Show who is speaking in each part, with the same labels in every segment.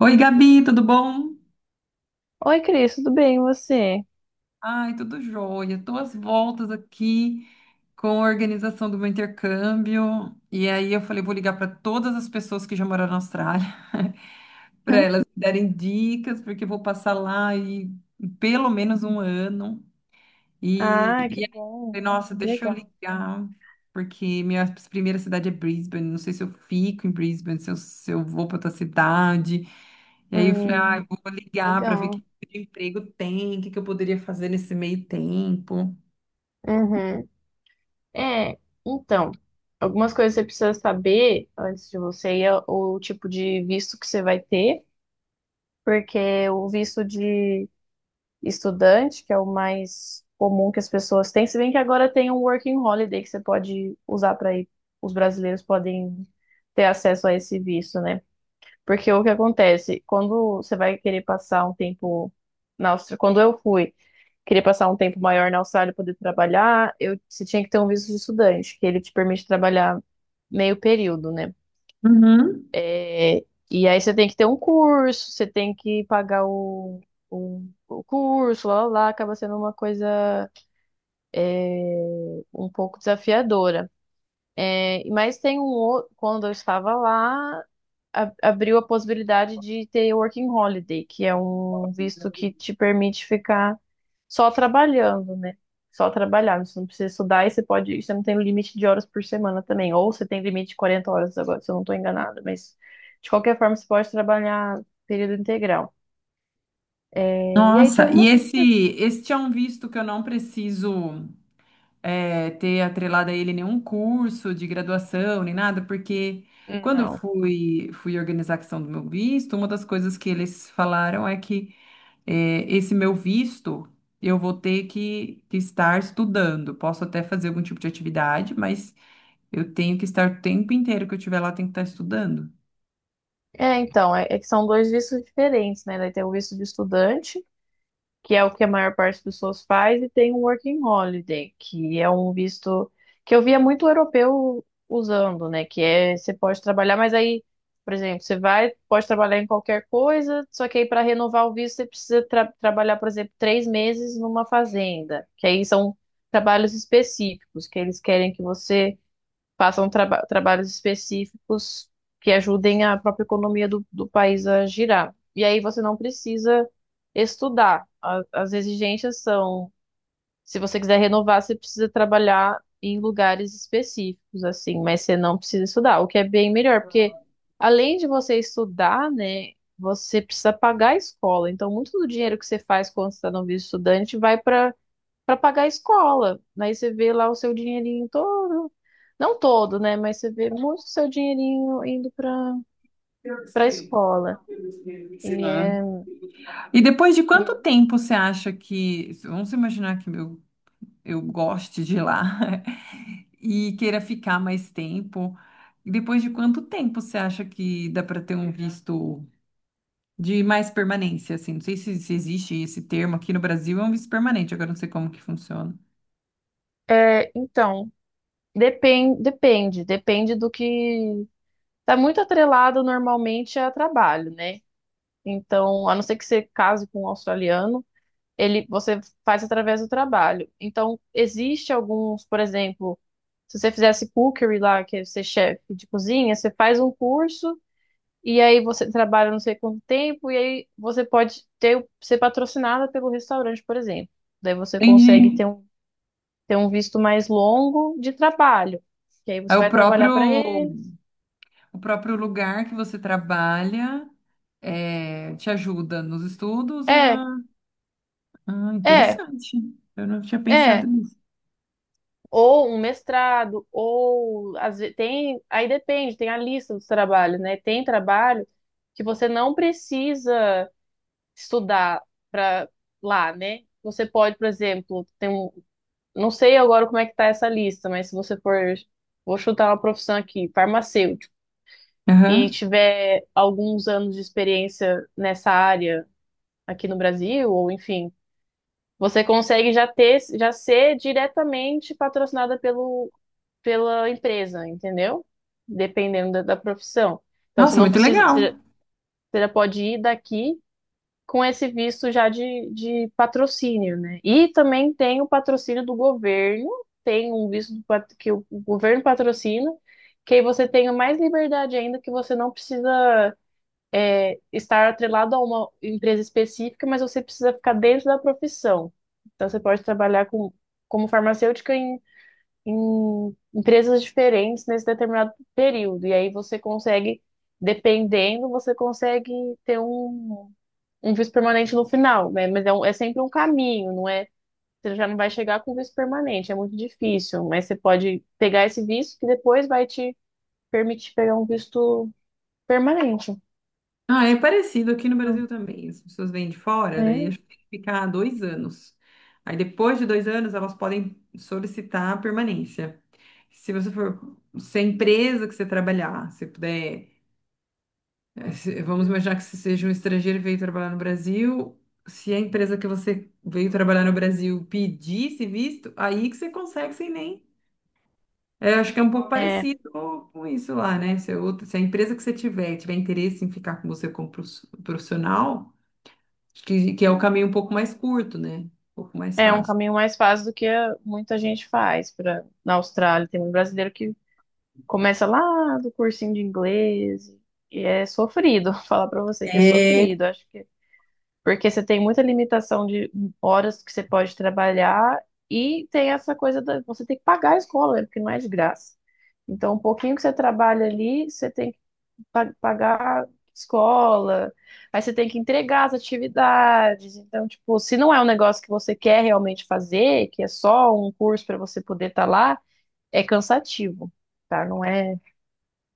Speaker 1: Oi, Gabi, tudo bom?
Speaker 2: Oi, Cris, tudo bem, e você?
Speaker 1: Ai, tudo jóia. Tô às voltas aqui com a organização do meu intercâmbio. E aí eu falei, vou ligar para todas as pessoas que já moraram na Austrália, para
Speaker 2: Hã?
Speaker 1: elas me darem dicas, porque eu vou passar lá e pelo menos um ano. E,
Speaker 2: Ah, que
Speaker 1: e aí, eu
Speaker 2: bom.
Speaker 1: falei, nossa,
Speaker 2: Que
Speaker 1: deixa eu
Speaker 2: legal.
Speaker 1: ligar, porque minha primeira cidade é Brisbane, não sei se eu fico em Brisbane, se eu vou para outra cidade. E aí eu falei, ah,
Speaker 2: Hum,
Speaker 1: vou ligar para ver que
Speaker 2: legal.
Speaker 1: tipo de emprego tem, o que que eu poderia fazer nesse meio tempo.
Speaker 2: Uhum. É, então, algumas coisas você precisa saber antes de você ir é o tipo de visto que você vai ter, porque o visto de estudante, que é o mais comum que as pessoas têm, se bem que agora tem um working holiday que você pode usar para ir, os brasileiros podem ter acesso a esse visto, né? Porque o que acontece, quando você vai querer passar um tempo na Austrália, quando eu fui, queria passar um tempo maior na Austrália para poder trabalhar, eu, você tinha que ter um visto de estudante, que ele te permite trabalhar meio período, né?
Speaker 1: Uhum.
Speaker 2: É, e aí você tem que ter um curso, você tem que pagar o, o curso, lá, lá, lá, acaba sendo uma coisa um pouco desafiadora. É, mas tem um outro, quando eu estava lá, abriu a possibilidade de ter Working Holiday, que é um visto que te permite ficar só trabalhando, né? Só trabalhar, você não precisa estudar e você pode, você não tem limite de horas por semana também, ou você tem limite de 40 horas agora, se eu não estou enganada, mas de qualquer forma você pode trabalhar período integral. É, e aí tem
Speaker 1: Nossa, e
Speaker 2: algumas
Speaker 1: esse,
Speaker 2: coisas.
Speaker 1: esse é um visto que eu não preciso ter atrelado a ele nenhum curso de graduação, nem nada, porque quando eu
Speaker 2: Não.
Speaker 1: fui, organizar a questão do meu visto, uma das coisas que eles falaram é que esse meu visto eu vou ter que estar estudando. Posso até fazer algum tipo de atividade, mas eu tenho que estar o tempo inteiro que eu estiver lá, eu tenho que estar estudando.
Speaker 2: É, então, é que são dois vistos diferentes, né? Daí tem o visto de estudante que é o que a maior parte das pessoas faz, e tem um working holiday, que é um visto que eu via muito europeu usando, né? Que é você pode trabalhar, mas aí, por exemplo, você vai, pode trabalhar em qualquer coisa, só que aí para renovar o visto você precisa trabalhar, por exemplo, 3 meses numa fazenda, que aí são trabalhos específicos, que eles querem que você façam trabalhos específicos que ajudem a própria economia do país a girar. E aí você não precisa estudar. As exigências são, se você quiser renovar, você precisa trabalhar em lugares específicos, assim, mas você não precisa estudar, o que é bem melhor, porque além de você estudar, né, você precisa pagar a escola. Então, muito do dinheiro que você faz quando você está no visto estudante vai para pagar a escola. Aí você vê lá o seu dinheirinho todo, não todo, né? Mas você vê muito o seu dinheirinho indo para a escola.
Speaker 1: Sim.
Speaker 2: E é,
Speaker 1: E depois de quanto tempo você acha que. Vamos imaginar que eu goste de ir lá e queira ficar mais tempo. E depois de quanto tempo você acha que dá para ter um visto de mais permanência, assim? Não sei se existe esse termo aqui no Brasil, é um visto permanente, agora eu não sei como que funciona.
Speaker 2: então, depende do que tá muito atrelado normalmente a trabalho, né? Então, a não ser que você case com um australiano, ele você faz através do trabalho. Então, existe alguns, por exemplo, se você fizesse cookery lá, que é ser chefe de cozinha, você faz um curso. E aí você trabalha não sei quanto tempo, e aí você pode ter, ser patrocinada pelo restaurante, por exemplo. Daí você consegue
Speaker 1: Entendi.
Speaker 2: ter um visto mais longo de trabalho. Que aí
Speaker 1: É
Speaker 2: você
Speaker 1: o
Speaker 2: vai trabalhar
Speaker 1: próprio,
Speaker 2: para eles.
Speaker 1: o próprio lugar que você trabalha te ajuda nos estudos e
Speaker 2: É,
Speaker 1: na... Ah,
Speaker 2: é,
Speaker 1: interessante. Eu não tinha pensado
Speaker 2: é.
Speaker 1: nisso.
Speaker 2: Ou um mestrado, ou às vezes tem. Aí depende, tem a lista dos trabalhos, né? Tem trabalho que você não precisa estudar para lá, né? Você pode, por exemplo, não sei agora como é que tá essa lista, mas se você for, vou chutar uma profissão aqui, farmacêutico, e
Speaker 1: Aham.
Speaker 2: tiver alguns anos de experiência nessa área aqui no Brasil, ou enfim, você consegue já ter, já ser diretamente patrocinada pela empresa, entendeu? Dependendo da profissão. Então você
Speaker 1: Nossa,
Speaker 2: não
Speaker 1: muito
Speaker 2: precisa,
Speaker 1: legal.
Speaker 2: você já pode ir daqui com esse visto já de patrocínio, né? E também tem o patrocínio do governo, tem um visto que o governo patrocina, que aí você tem mais liberdade ainda, que você não precisa é, estar atrelado a uma empresa específica, mas você precisa ficar dentro da profissão. Então você pode trabalhar com, como farmacêutica em, em, empresas diferentes nesse determinado período. E aí você consegue, dependendo, você consegue ter um um visto permanente no final, né? Mas é, é sempre um caminho, não é? Você já não vai chegar com visto permanente, é muito difícil, mas você pode pegar esse visto que depois vai te permitir pegar um visto permanente.
Speaker 1: Ah, é parecido aqui no Brasil
Speaker 2: Então,
Speaker 1: também. As pessoas vêm de fora, daí
Speaker 2: É,
Speaker 1: acho que tem que ficar 2 anos. Aí depois de 2 anos elas podem solicitar a permanência. Se você for, se a empresa que você trabalhar, se puder, vamos imaginar que você seja um estrangeiro e veio trabalhar no Brasil, se a empresa que você veio trabalhar no Brasil pedisse visto, aí que você consegue sem nem. Eu acho que é um pouco
Speaker 2: é,
Speaker 1: parecido com isso lá, né? Se a empresa que você tiver interesse em ficar com você como profissional que é o caminho um pouco mais curto, né? Um pouco mais
Speaker 2: é um
Speaker 1: fácil.
Speaker 2: caminho mais fácil do que muita gente faz para na Austrália. Tem muito brasileiro que começa lá do cursinho de inglês e é sofrido. Falar para você que é
Speaker 1: É,
Speaker 2: sofrido. Acho que porque você tem muita limitação de horas que você pode trabalhar e tem essa coisa da você tem que pagar a escola, né? Porque não é de graça. Então, um pouquinho que você trabalha ali, você tem que pagar escola, aí você tem que entregar as atividades. Então, tipo, se não é um negócio que você quer realmente fazer, que é só um curso para você poder estar lá, é cansativo, tá? Não é,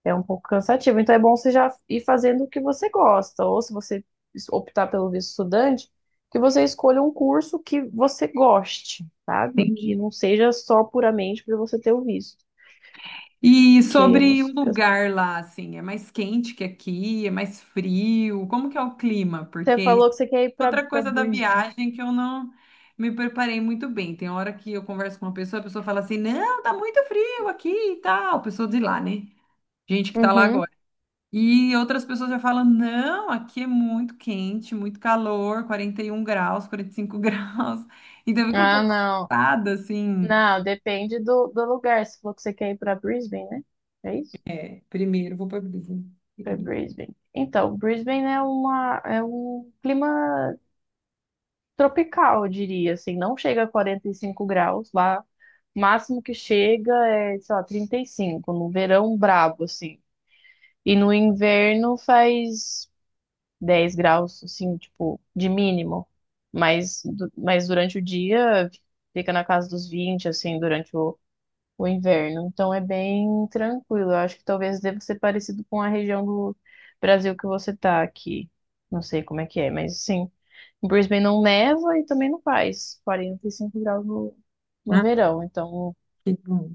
Speaker 2: é um pouco cansativo. Então é bom você já ir fazendo o que você gosta, ou se você optar pelo visto estudante, que você escolha um curso que você goste, sabe? Que
Speaker 1: entendi.
Speaker 2: não seja só puramente para você ter o visto,
Speaker 1: E
Speaker 2: que aí é muito
Speaker 1: sobre o
Speaker 2: desgastante.
Speaker 1: lugar lá, assim, é mais quente que aqui, é mais frio? Como que é o clima?
Speaker 2: Você
Speaker 1: Porque isso
Speaker 2: falou que você quer ir
Speaker 1: é
Speaker 2: para
Speaker 1: outra
Speaker 2: para
Speaker 1: coisa da
Speaker 2: Brisbane.
Speaker 1: viagem que eu não me preparei muito bem. Tem hora que eu converso com uma pessoa, a pessoa fala assim, não, tá muito frio aqui e tal. Pessoa de lá, né? Gente que tá lá
Speaker 2: Uhum.
Speaker 1: agora. E outras pessoas já falam: não, aqui é muito quente, muito calor, 41 graus, 45 graus. Então eu fico um
Speaker 2: Ah,
Speaker 1: pouco
Speaker 2: não.
Speaker 1: assustada, assim.
Speaker 2: Não, depende do lugar. Você falou que você quer ir para Brisbane, né? É isso?
Speaker 1: É, primeiro vou para a brisa
Speaker 2: Para
Speaker 1: pública.
Speaker 2: Brisbane. Então, Brisbane é uma é um clima tropical, eu diria, assim, não chega a 45 graus lá. O máximo que chega é, sei lá, 35, no verão brabo, assim. E no inverno faz 10 graus, assim, tipo, de mínimo. Mas, mas durante o dia fica na casa dos 20, assim, durante o inverno. Então é bem tranquilo. Eu acho que talvez deva ser parecido com a região do Brasil que você tá aqui. Não sei como é que é, mas sim. Em Brisbane não neva e também não faz 45 graus no
Speaker 1: Ah,
Speaker 2: verão, então
Speaker 1: que bom.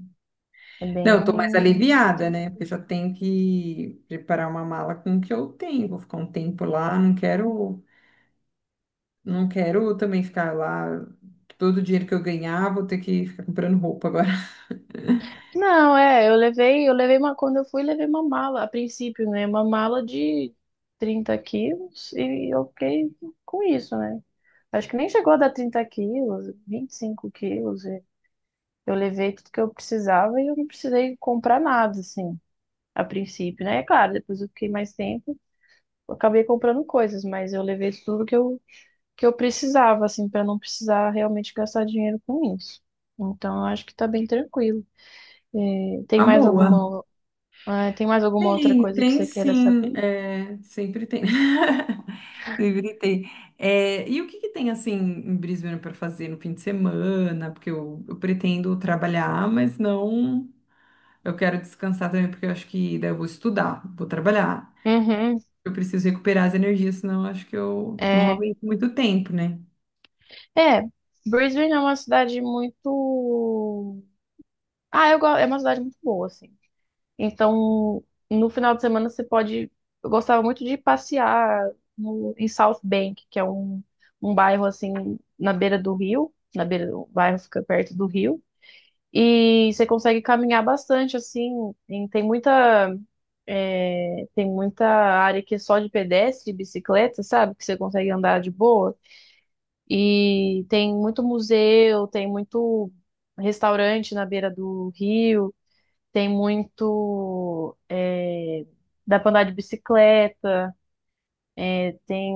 Speaker 2: é
Speaker 1: Não,
Speaker 2: bem.
Speaker 1: eu tô mais aliviada, né? Porque já tenho que preparar uma mala com o que eu tenho. Vou ficar um tempo lá, não quero, não quero também ficar lá. Todo o dinheiro que eu ganhar, vou ter que ficar comprando roupa agora.
Speaker 2: Não, é, eu levei uma, quando eu fui, levei uma mala, a princípio, né? Uma mala de 30 quilos e eu fiquei com isso, né? Acho que nem chegou a dar 30 quilos, 25 quilos. E eu levei tudo que eu precisava e eu não precisei comprar nada, assim, a princípio, né? É claro, depois eu fiquei mais tempo, eu acabei comprando coisas, mas eu levei tudo que eu precisava, assim, para não precisar realmente gastar dinheiro com isso. Então, eu acho que tá bem tranquilo. É, tem
Speaker 1: Uma
Speaker 2: mais
Speaker 1: boa.
Speaker 2: alguma, tem mais alguma outra
Speaker 1: Tem,
Speaker 2: coisa que
Speaker 1: tem
Speaker 2: você queira
Speaker 1: sim,
Speaker 2: saber?
Speaker 1: sempre tem. Sempre tem. É, e o que que tem assim em Brisbane para fazer no fim de semana? Porque eu pretendo trabalhar, mas não. Eu quero descansar também, porque eu acho que daí eu vou estudar, vou trabalhar.
Speaker 2: Uhum.
Speaker 1: Eu preciso recuperar as energias, senão eu acho que eu não
Speaker 2: É,
Speaker 1: aguento muito tempo, né?
Speaker 2: é, Brisbane é uma cidade muito, ah, eu gosto, é uma cidade muito boa, assim. Então, no final de semana você pode, eu gostava muito de passear no, em South Bank, que é um bairro assim na beira do rio, na beira do o bairro fica perto do rio. E você consegue caminhar bastante, assim, em- tem muita, tem muita área que é só de pedestre, e bicicleta, sabe? Que você consegue andar de boa. E tem muito museu, tem muito restaurante na beira do rio, tem muito, é, dá pra andar de bicicleta, tem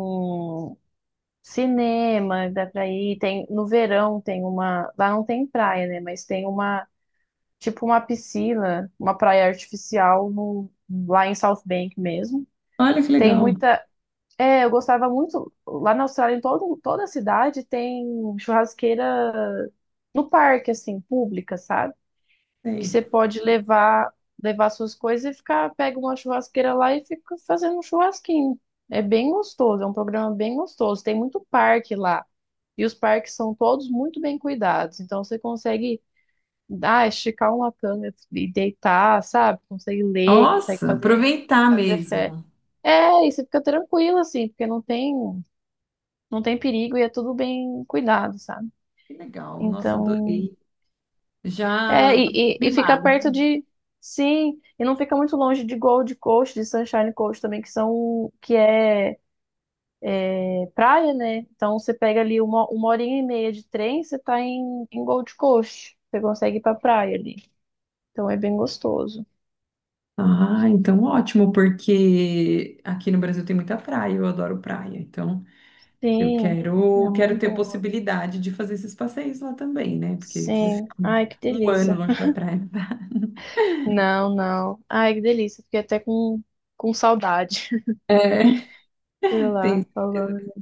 Speaker 2: cinema, dá pra ir, tem, no verão tem uma, lá não tem praia, né? Mas tem uma tipo uma piscina, uma praia artificial no, lá em South Bank mesmo.
Speaker 1: Olha que
Speaker 2: Tem
Speaker 1: legal.
Speaker 2: muita. É, eu gostava muito. Lá na Austrália, em toda a cidade tem churrasqueira no parque, assim, pública, sabe? Que
Speaker 1: Sei.
Speaker 2: você pode levar suas coisas e ficar, pega uma churrasqueira lá e fica fazendo um churrasquinho. É bem gostoso, é um programa bem gostoso. Tem muito parque lá. E os parques são todos muito bem cuidados. Então você consegue esticar uma canga e deitar, sabe? Consegue ler, consegue
Speaker 1: Nossa,
Speaker 2: fazer,
Speaker 1: aproveitar
Speaker 2: fazer fé.
Speaker 1: mesmo.
Speaker 2: É, e você fica tranquilo, assim, porque não tem perigo e é tudo bem cuidado, sabe?
Speaker 1: Que legal. Nossa,
Speaker 2: Então,
Speaker 1: adorei.
Speaker 2: é,
Speaker 1: Já tô
Speaker 2: e fica
Speaker 1: mimada.
Speaker 2: perto de, sim, e não fica muito longe de Gold Coast, de Sunshine Coast também, que são, que é, é praia, né? Então você pega ali uma horinha e meia de trem, você tá em Gold Coast. Você consegue ir pra praia ali. Então é bem gostoso.
Speaker 1: Ah, então ótimo, porque aqui no Brasil tem muita praia, eu adoro praia. Então, eu
Speaker 2: Sim, é
Speaker 1: quero,
Speaker 2: uma
Speaker 1: quero ter
Speaker 2: boa.
Speaker 1: possibilidade de fazer esses passeios lá também, né? Porque você
Speaker 2: Sim.
Speaker 1: fica um
Speaker 2: Ai, que
Speaker 1: um ano
Speaker 2: delícia.
Speaker 1: longe da praia.
Speaker 2: Não, não. Ai, que delícia. Fiquei até com saudade.
Speaker 1: É,
Speaker 2: Sei
Speaker 1: tem.
Speaker 2: lá, falando.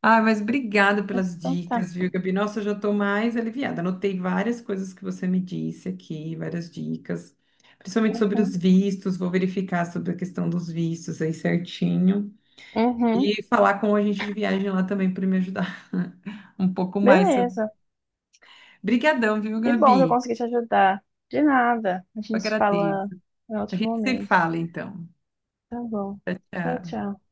Speaker 1: Ah, mas obrigada
Speaker 2: Mas
Speaker 1: pelas
Speaker 2: então tá.
Speaker 1: dicas, viu, Gabi? Nossa, eu já estou mais aliviada. Anotei várias coisas que você me disse aqui, várias dicas, principalmente sobre os
Speaker 2: Uhum.
Speaker 1: vistos. Vou verificar sobre a questão dos vistos aí certinho.
Speaker 2: Uhum.
Speaker 1: E falar com a gente de viagem lá também para me ajudar um pouco mais. Sobre-
Speaker 2: Beleza.
Speaker 1: Brigadão, viu,
Speaker 2: Que bom que eu
Speaker 1: Gabi?
Speaker 2: consegui te ajudar. De nada. A
Speaker 1: Eu
Speaker 2: gente se
Speaker 1: agradeço.
Speaker 2: fala em
Speaker 1: A
Speaker 2: outro
Speaker 1: gente se
Speaker 2: momento.
Speaker 1: fala então.
Speaker 2: Tá bom. Tchau,
Speaker 1: Tchau.
Speaker 2: tchau.